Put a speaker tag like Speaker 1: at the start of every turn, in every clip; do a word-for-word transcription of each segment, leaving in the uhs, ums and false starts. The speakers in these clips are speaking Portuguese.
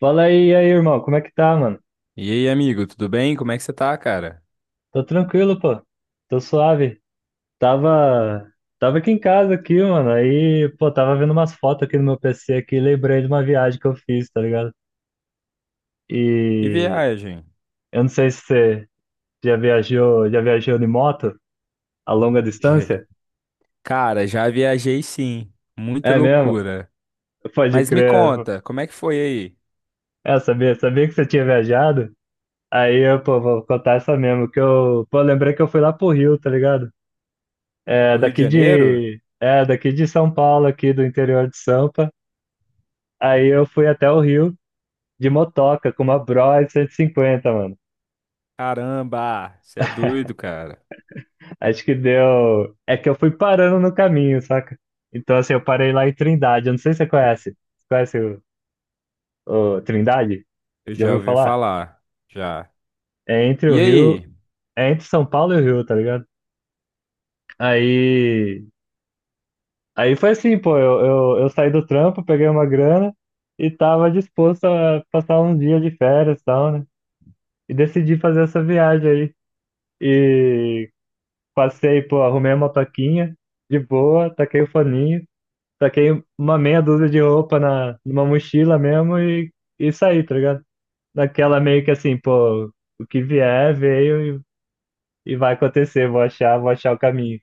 Speaker 1: Fala aí, e aí, irmão, como é que tá, mano?
Speaker 2: E aí, amigo, tudo bem? Como é que você tá, cara?
Speaker 1: Tô tranquilo, pô. Tô suave. Tava, Tava aqui em casa aqui, mano. Aí, pô, tava vendo umas fotos aqui no meu P C aqui, e lembrei de uma viagem que eu fiz, tá ligado?
Speaker 2: Que
Speaker 1: E
Speaker 2: viagem.
Speaker 1: eu não sei se você já viajou, já viajou de moto a longa
Speaker 2: Je-
Speaker 1: distância?
Speaker 2: Cara, já viajei sim. Muita
Speaker 1: É mesmo?
Speaker 2: loucura.
Speaker 1: Pode
Speaker 2: Mas me
Speaker 1: crer.
Speaker 2: conta, como é que foi aí?
Speaker 1: É, eu sabia, sabia que você tinha viajado. Aí eu, pô, vou contar essa mesmo, que eu, pô, lembrei que eu fui lá pro Rio, tá ligado? É,
Speaker 2: O Rio de
Speaker 1: daqui
Speaker 2: Janeiro?
Speaker 1: de, é, daqui de São Paulo, aqui do interior de Sampa. Aí eu fui até o Rio de motoca com uma Bros cento e cinquenta mano.
Speaker 2: Caramba, você é doido, cara.
Speaker 1: Acho que deu. É que eu fui parando no caminho, saca? Então, assim, eu parei lá em Trindade. Eu não sei se você conhece. Você conhece o, o Trindade?
Speaker 2: Eu
Speaker 1: Já
Speaker 2: já
Speaker 1: ouviu
Speaker 2: ouvi
Speaker 1: falar?
Speaker 2: falar, já.
Speaker 1: É entre o
Speaker 2: E
Speaker 1: Rio.
Speaker 2: aí?
Speaker 1: É entre São Paulo e o Rio, tá ligado? Aí. Aí foi assim, pô. Eu, eu, eu saí do trampo, peguei uma grana e tava disposto a passar uns dias de férias e tal, né? E decidi fazer essa viagem aí. E passei, pô, arrumei a motoquinha de boa, taquei o foninho, taquei uma meia dúzia de roupa na, numa mochila mesmo e, e saí, tá ligado? Naquela meio que assim, pô, o que vier, veio e, e vai acontecer, vou achar, vou achar o caminho.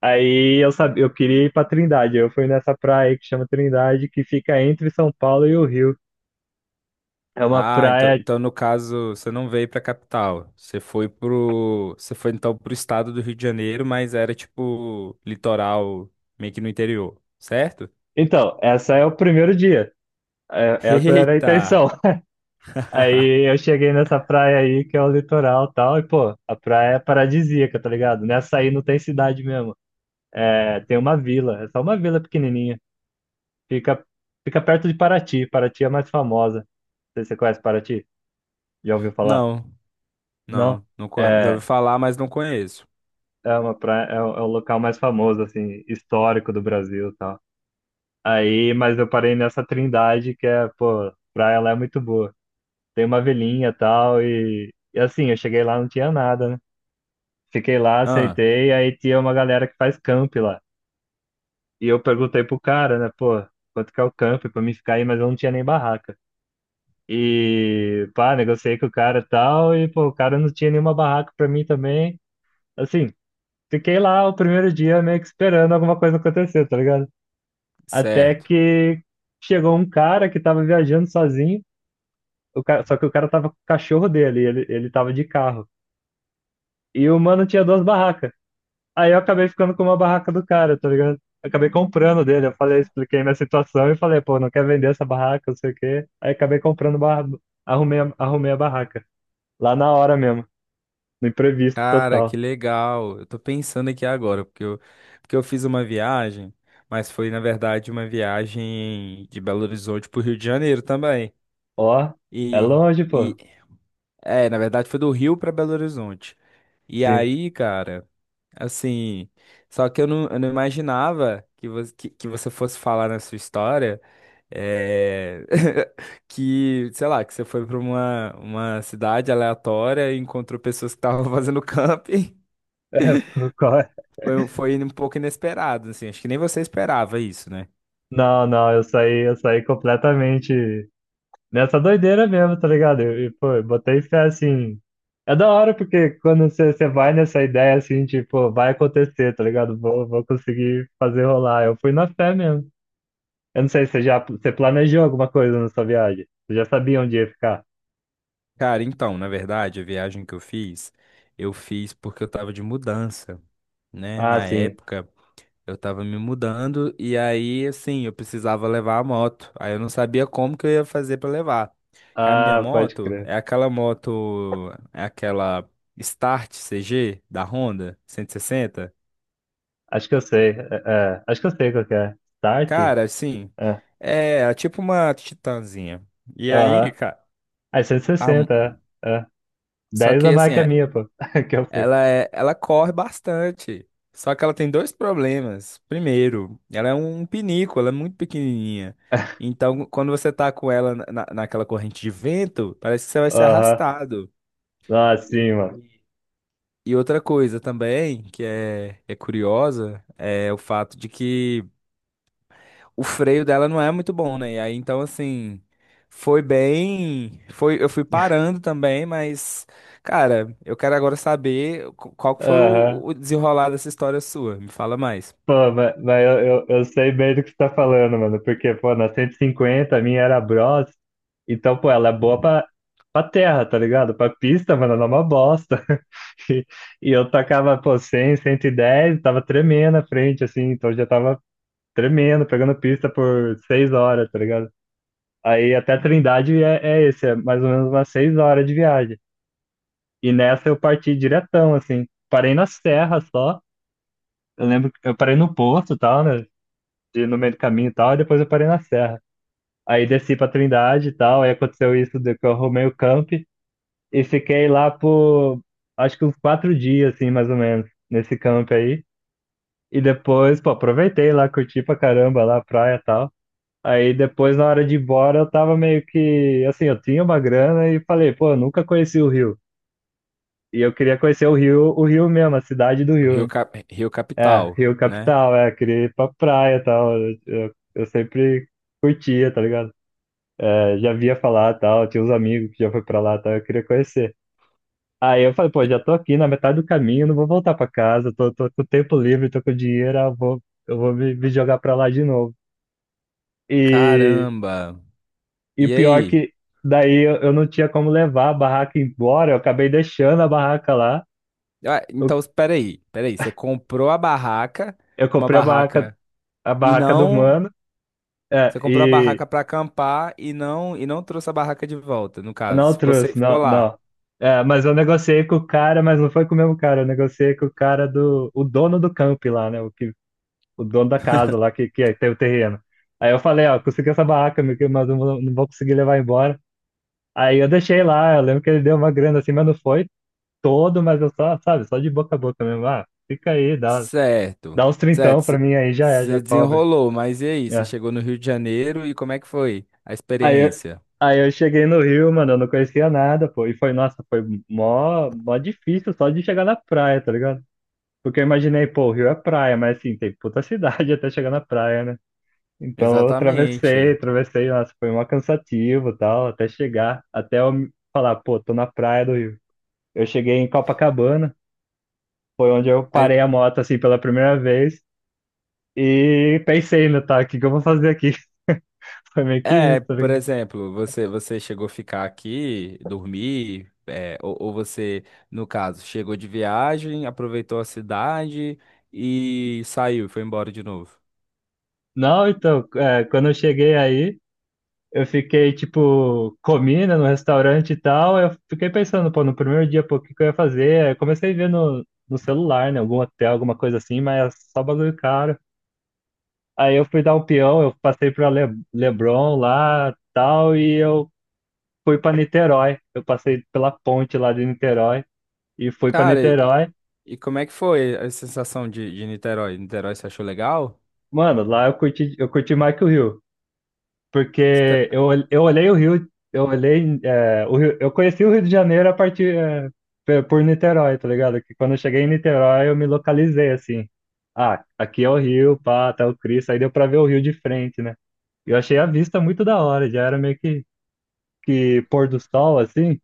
Speaker 1: Aí eu sabia, eu queria ir pra Trindade, eu fui nessa praia aí que chama Trindade, que fica entre São Paulo e o Rio. É uma
Speaker 2: Ah, então,
Speaker 1: praia.
Speaker 2: então no caso, você não veio pra capital. Você foi pro, você foi então pro estado do Rio de Janeiro, mas era tipo litoral, meio que no interior, certo?
Speaker 1: Então, essa é o primeiro dia. É- Essa era a
Speaker 2: Eita!
Speaker 1: intenção. Aí eu cheguei nessa praia aí, que é o litoral e tal, e pô, a praia é paradisíaca, tá ligado? Nessa aí não tem cidade mesmo. É, tem uma vila, é só uma vila pequenininha. Fica, Fica perto de Paraty. Paraty é a mais famosa. Não sei se você conhece Paraty? Já ouviu falar?
Speaker 2: Não.
Speaker 1: Não?
Speaker 2: Não, não conhe- já
Speaker 1: É,
Speaker 2: ouvi falar, mas não conheço.
Speaker 1: é uma praia, é, o é o local mais famoso, assim, histórico do Brasil e tal. Aí, mas eu parei nessa Trindade, que é, pô, praia lá é muito boa. Tem uma vilinha e tal, e, e assim, eu cheguei lá, não tinha nada, né? Fiquei lá,
Speaker 2: Ah,
Speaker 1: aceitei, aí tinha uma galera que faz camp lá. E eu perguntei pro cara, né, pô, quanto que é o camp pra mim ficar aí, mas eu não tinha nem barraca. E, pá, negociei com o cara e tal, e, pô, o cara não tinha nenhuma barraca pra mim também. Assim, fiquei lá o primeiro dia meio que esperando alguma coisa acontecer, tá ligado? Até
Speaker 2: certo.
Speaker 1: que chegou um cara que tava viajando sozinho, o cara, só que o cara tava com o cachorro dele, ele, ele tava de carro. E o mano tinha duas barracas. Aí eu acabei ficando com uma barraca do cara, tá ligado? Acabei comprando dele. Eu falei, expliquei minha situação e falei, pô, não quer vender essa barraca, não sei o quê. Aí acabei comprando, barra... arrumei, a- arrumei a barraca. Lá na hora mesmo, no imprevisto
Speaker 2: Cara,
Speaker 1: total.
Speaker 2: que legal. Eu tô pensando aqui agora, porque eu, porque eu fiz uma viagem, mas foi, na verdade, uma viagem de Belo Horizonte pro Rio de Janeiro também.
Speaker 1: Ó, é
Speaker 2: E,
Speaker 1: longe,
Speaker 2: e
Speaker 1: pô.
Speaker 2: é, na verdade, foi do Rio pra Belo Horizonte. E
Speaker 1: Sim.
Speaker 2: aí, cara, assim, só que eu não, eu não imaginava que você, que, que você fosse falar na sua história. É, que, sei lá, que você foi para uma, uma cidade aleatória e encontrou pessoas que estavam fazendo camping.
Speaker 1: É, pô, qual é?
Speaker 2: Foi, foi um pouco inesperado, assim. Acho que nem você esperava isso, né?
Speaker 1: Não, não, eu saí, eu saí completamente. Nessa doideira mesmo, tá ligado? eu e, pô, eu botei fé assim. É da hora, porque quando você você vai nessa ideia assim, tipo, vai acontecer, tá ligado? Vou, vou conseguir fazer rolar. Eu fui na fé mesmo. Eu não sei, você já você planejou alguma coisa na sua viagem? Você já sabia onde ia ficar?
Speaker 2: Cara, então, na verdade, a viagem que eu fiz, eu fiz porque eu tava de mudança, né?
Speaker 1: Ah,
Speaker 2: Na
Speaker 1: sim.
Speaker 2: época. Eu tava me mudando e aí, assim, eu precisava levar a moto. Aí eu não sabia como que eu ia fazer pra levar. Que a minha
Speaker 1: Ah, pode
Speaker 2: moto
Speaker 1: crer.
Speaker 2: é aquela moto, é aquela Start C G da Honda cento e sessenta.
Speaker 1: Acho que eu sei. É, é. Acho que eu sei qual que é. Start?
Speaker 2: Cara, assim,
Speaker 1: É.
Speaker 2: é, é tipo uma Titanzinha. E aí,
Speaker 1: Aham.
Speaker 2: cara,
Speaker 1: Aí
Speaker 2: a-
Speaker 1: cento e sessenta, é. é.
Speaker 2: só
Speaker 1: Dez a
Speaker 2: que assim,
Speaker 1: mais que a
Speaker 2: é,
Speaker 1: minha, pô, que eu fui.
Speaker 2: ela é, ela corre bastante. Só que ela tem dois problemas. Primeiro, ela é um pinico, ela é muito pequenininha. Então, quando você tá com ela na, na- naquela corrente de vento, parece que você vai ser
Speaker 1: Aham.
Speaker 2: arrastado.
Speaker 1: Ah,
Speaker 2: E,
Speaker 1: sim, mano.
Speaker 2: e outra coisa também, que é, é curiosa, é o fato de que o freio dela não é muito bom, né? E aí, então, assim, foi bem. Foi, eu fui parando também, mas, cara, eu quero agora saber qu- qual que foi
Speaker 1: Aham.
Speaker 2: o, o desenrolar dessa história sua. Me fala mais.
Speaker 1: Pô, mas, mas eu, eu, eu sei bem do que você tá falando, mano, porque, pô, na cento e cinquenta a minha era Bros, então, pô, ela é boa pra, pra terra, tá ligado? Pra pista, mano, ela é uma bosta. E, e eu tacava, pô, cem, cento e dez, tava tremendo à frente, assim, então já tava tremendo, pegando pista por seis horas, tá ligado? Aí até Trindade é, é esse, é mais ou menos umas seis horas de viagem. E nessa eu parti diretão, assim, parei na serra só, eu lembro, que eu parei no posto e tal, né? de, no meio do caminho e tal, e depois eu parei na Serra. Aí desci pra Trindade e tal, aí aconteceu isso de que eu arrumei o camp e fiquei lá por acho que uns quatro dias, assim, mais ou menos, nesse camp aí. E depois, pô, aproveitei lá, curti pra caramba lá a praia e tal. Aí depois, na hora de ir embora, eu tava meio que, assim, eu tinha uma grana e falei, pô, eu nunca conheci o Rio. E eu queria conhecer o Rio, o Rio mesmo, a cidade do
Speaker 2: O
Speaker 1: Rio,
Speaker 2: Rio,
Speaker 1: né?
Speaker 2: Cap- Rio
Speaker 1: É,
Speaker 2: Capital,
Speaker 1: Rio
Speaker 2: né?
Speaker 1: Capital, é, queria ir pra praia e tal. Eu, eu sempre curtia, tá ligado? Eu já via falar tal, tinha uns amigos que já foi pra lá tal, eu queria conhecer. Aí eu falei, pô,
Speaker 2: E-
Speaker 1: já tô aqui na metade do caminho, não vou voltar pra casa, tô, tô com tempo livre, tô com dinheiro, eu vou, eu vou me, me jogar pra lá de novo. E,
Speaker 2: caramba!
Speaker 1: e
Speaker 2: E
Speaker 1: pior
Speaker 2: aí?
Speaker 1: que daí eu, eu não tinha como levar a barraca embora, eu acabei deixando a barraca lá.
Speaker 2: Ah,
Speaker 1: Eu,
Speaker 2: então, espera aí, espera aí. Você comprou a barraca,
Speaker 1: eu
Speaker 2: uma
Speaker 1: comprei a barraca,
Speaker 2: barraca,
Speaker 1: a
Speaker 2: e
Speaker 1: barraca do
Speaker 2: não.
Speaker 1: mano, é,
Speaker 2: Você comprou a
Speaker 1: e
Speaker 2: barraca pra acampar e não e não trouxe a barraca de volta, no caso.
Speaker 1: não
Speaker 2: Ficou, sem-
Speaker 1: trouxe,
Speaker 2: ficou
Speaker 1: não,
Speaker 2: lá.
Speaker 1: não. É, mas eu negociei com o cara, mas não foi com o mesmo cara, eu negociei com o cara do, o dono do camp lá, né, o que o dono da casa lá que, que é, tem o terreno. Aí eu falei, ó, consegui essa barraca, meu querido, mas eu não vou não vou conseguir levar embora. Aí eu deixei lá, eu lembro que ele deu uma grana assim, mas não foi todo, mas eu só, sabe, só de boca a boca mesmo. Ah, fica aí, dá,
Speaker 2: Certo,
Speaker 1: dá uns trintão pra
Speaker 2: certo.
Speaker 1: mim aí, já é, já
Speaker 2: Você
Speaker 1: cobre.
Speaker 2: desenrolou, mas e aí? Você
Speaker 1: É.
Speaker 2: chegou no Rio de Janeiro e como é que foi a
Speaker 1: Aí, eu-
Speaker 2: experiência?
Speaker 1: aí eu cheguei no Rio, mano, eu não conhecia nada, pô, e foi, nossa, foi mó, mó difícil só de chegar na praia, tá ligado? Porque eu imaginei, pô, o Rio é praia, mas assim, tem puta cidade até chegar na praia, né? Então eu atravessei,
Speaker 2: Exatamente.
Speaker 1: atravessei, nossa, foi uma cansativo e tal, até chegar, até eu me- falar, pô, tô na praia do Rio. Eu cheguei em Copacabana, foi onde eu
Speaker 2: Mas,
Speaker 1: parei a moto assim pela primeira vez e pensei, né, tá, o que que eu vou fazer aqui? Foi meio que
Speaker 2: é,
Speaker 1: isso, tá
Speaker 2: por
Speaker 1: ligado?
Speaker 2: exemplo, você você chegou a ficar aqui, dormir, é, ou, ou você, no caso, chegou de viagem, aproveitou a cidade e saiu, foi embora de novo.
Speaker 1: Não, então, é, quando eu cheguei aí, eu fiquei, tipo, comi, né, no restaurante e tal, eu fiquei pensando, pô, no primeiro dia, pô, o que que eu ia fazer? Aí eu comecei a ver no, no celular, né, algum hotel, alguma coisa assim, mas é só bagulho caro. Aí eu fui dar um peão, eu passei para Le Leblon lá, tal, e eu fui para Niterói. Eu passei pela ponte lá de Niterói e fui para
Speaker 2: Cara, e,
Speaker 1: Niterói.
Speaker 2: e como é que foi a sensação de, de Niterói? Niterói, você achou legal?
Speaker 1: Mano, lá eu curti, eu curti mais que o Rio,
Speaker 2: Cê
Speaker 1: porque
Speaker 2: tá-
Speaker 1: eu, ol- eu olhei o Rio, eu olhei, é, o Rio, eu conheci o Rio de Janeiro a partir, é, pe- por Niterói, tá ligado? Que quando eu cheguei em Niterói, eu me localizei assim. Ah, aqui é o Rio, pá, tá o Cristo, aí deu para ver o Rio de frente, né? Eu achei a vista muito da hora, já era meio que que pôr do sol, assim,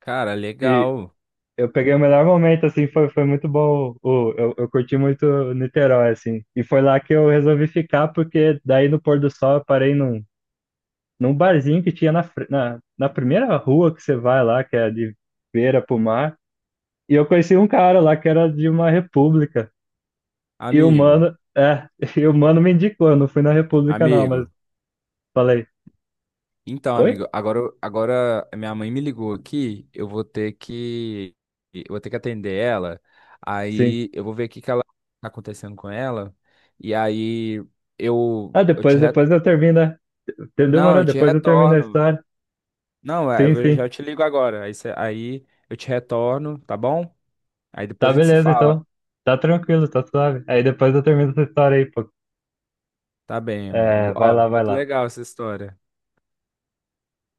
Speaker 2: Cara,
Speaker 1: e
Speaker 2: legal.
Speaker 1: eu peguei o melhor momento, assim, foi, foi muito bom. O, eu, eu curti muito Niterói, assim. E foi lá que eu resolvi ficar, porque daí no pôr do sol eu parei num, num barzinho que tinha na, fre- na, na primeira rua que você vai lá, que é de beira pro mar. E eu conheci um cara lá que era de uma república. E o
Speaker 2: Amigo,
Speaker 1: mano, é, e o mano me indicou, eu não fui na república não, mas
Speaker 2: amigo.
Speaker 1: falei,
Speaker 2: Então,
Speaker 1: oi?
Speaker 2: amigo, agora, eu- agora a minha mãe me ligou aqui, eu vou ter que, eu vou ter que atender ela.
Speaker 1: Sim.
Speaker 2: Aí eu vou ver o que que ela tá acontecendo com ela. E aí eu,
Speaker 1: Ah,
Speaker 2: eu te
Speaker 1: depois,
Speaker 2: re...
Speaker 1: depois eu termino, a-
Speaker 2: Não,
Speaker 1: demorou,
Speaker 2: eu te
Speaker 1: depois eu termino a
Speaker 2: retorno.
Speaker 1: história.
Speaker 2: Não, é, eu
Speaker 1: Sim,
Speaker 2: vou-
Speaker 1: sim.
Speaker 2: já te ligo agora. Aí, cê- aí eu te retorno, tá bom? Aí
Speaker 1: Tá
Speaker 2: depois a gente se
Speaker 1: beleza,
Speaker 2: fala.
Speaker 1: então. Tá tranquilo, tá suave. Aí depois eu termino essa história aí, pô.
Speaker 2: Tá bem,
Speaker 1: É,
Speaker 2: amigo.
Speaker 1: vai
Speaker 2: Ó,
Speaker 1: lá, vai
Speaker 2: muito
Speaker 1: lá.
Speaker 2: legal essa história.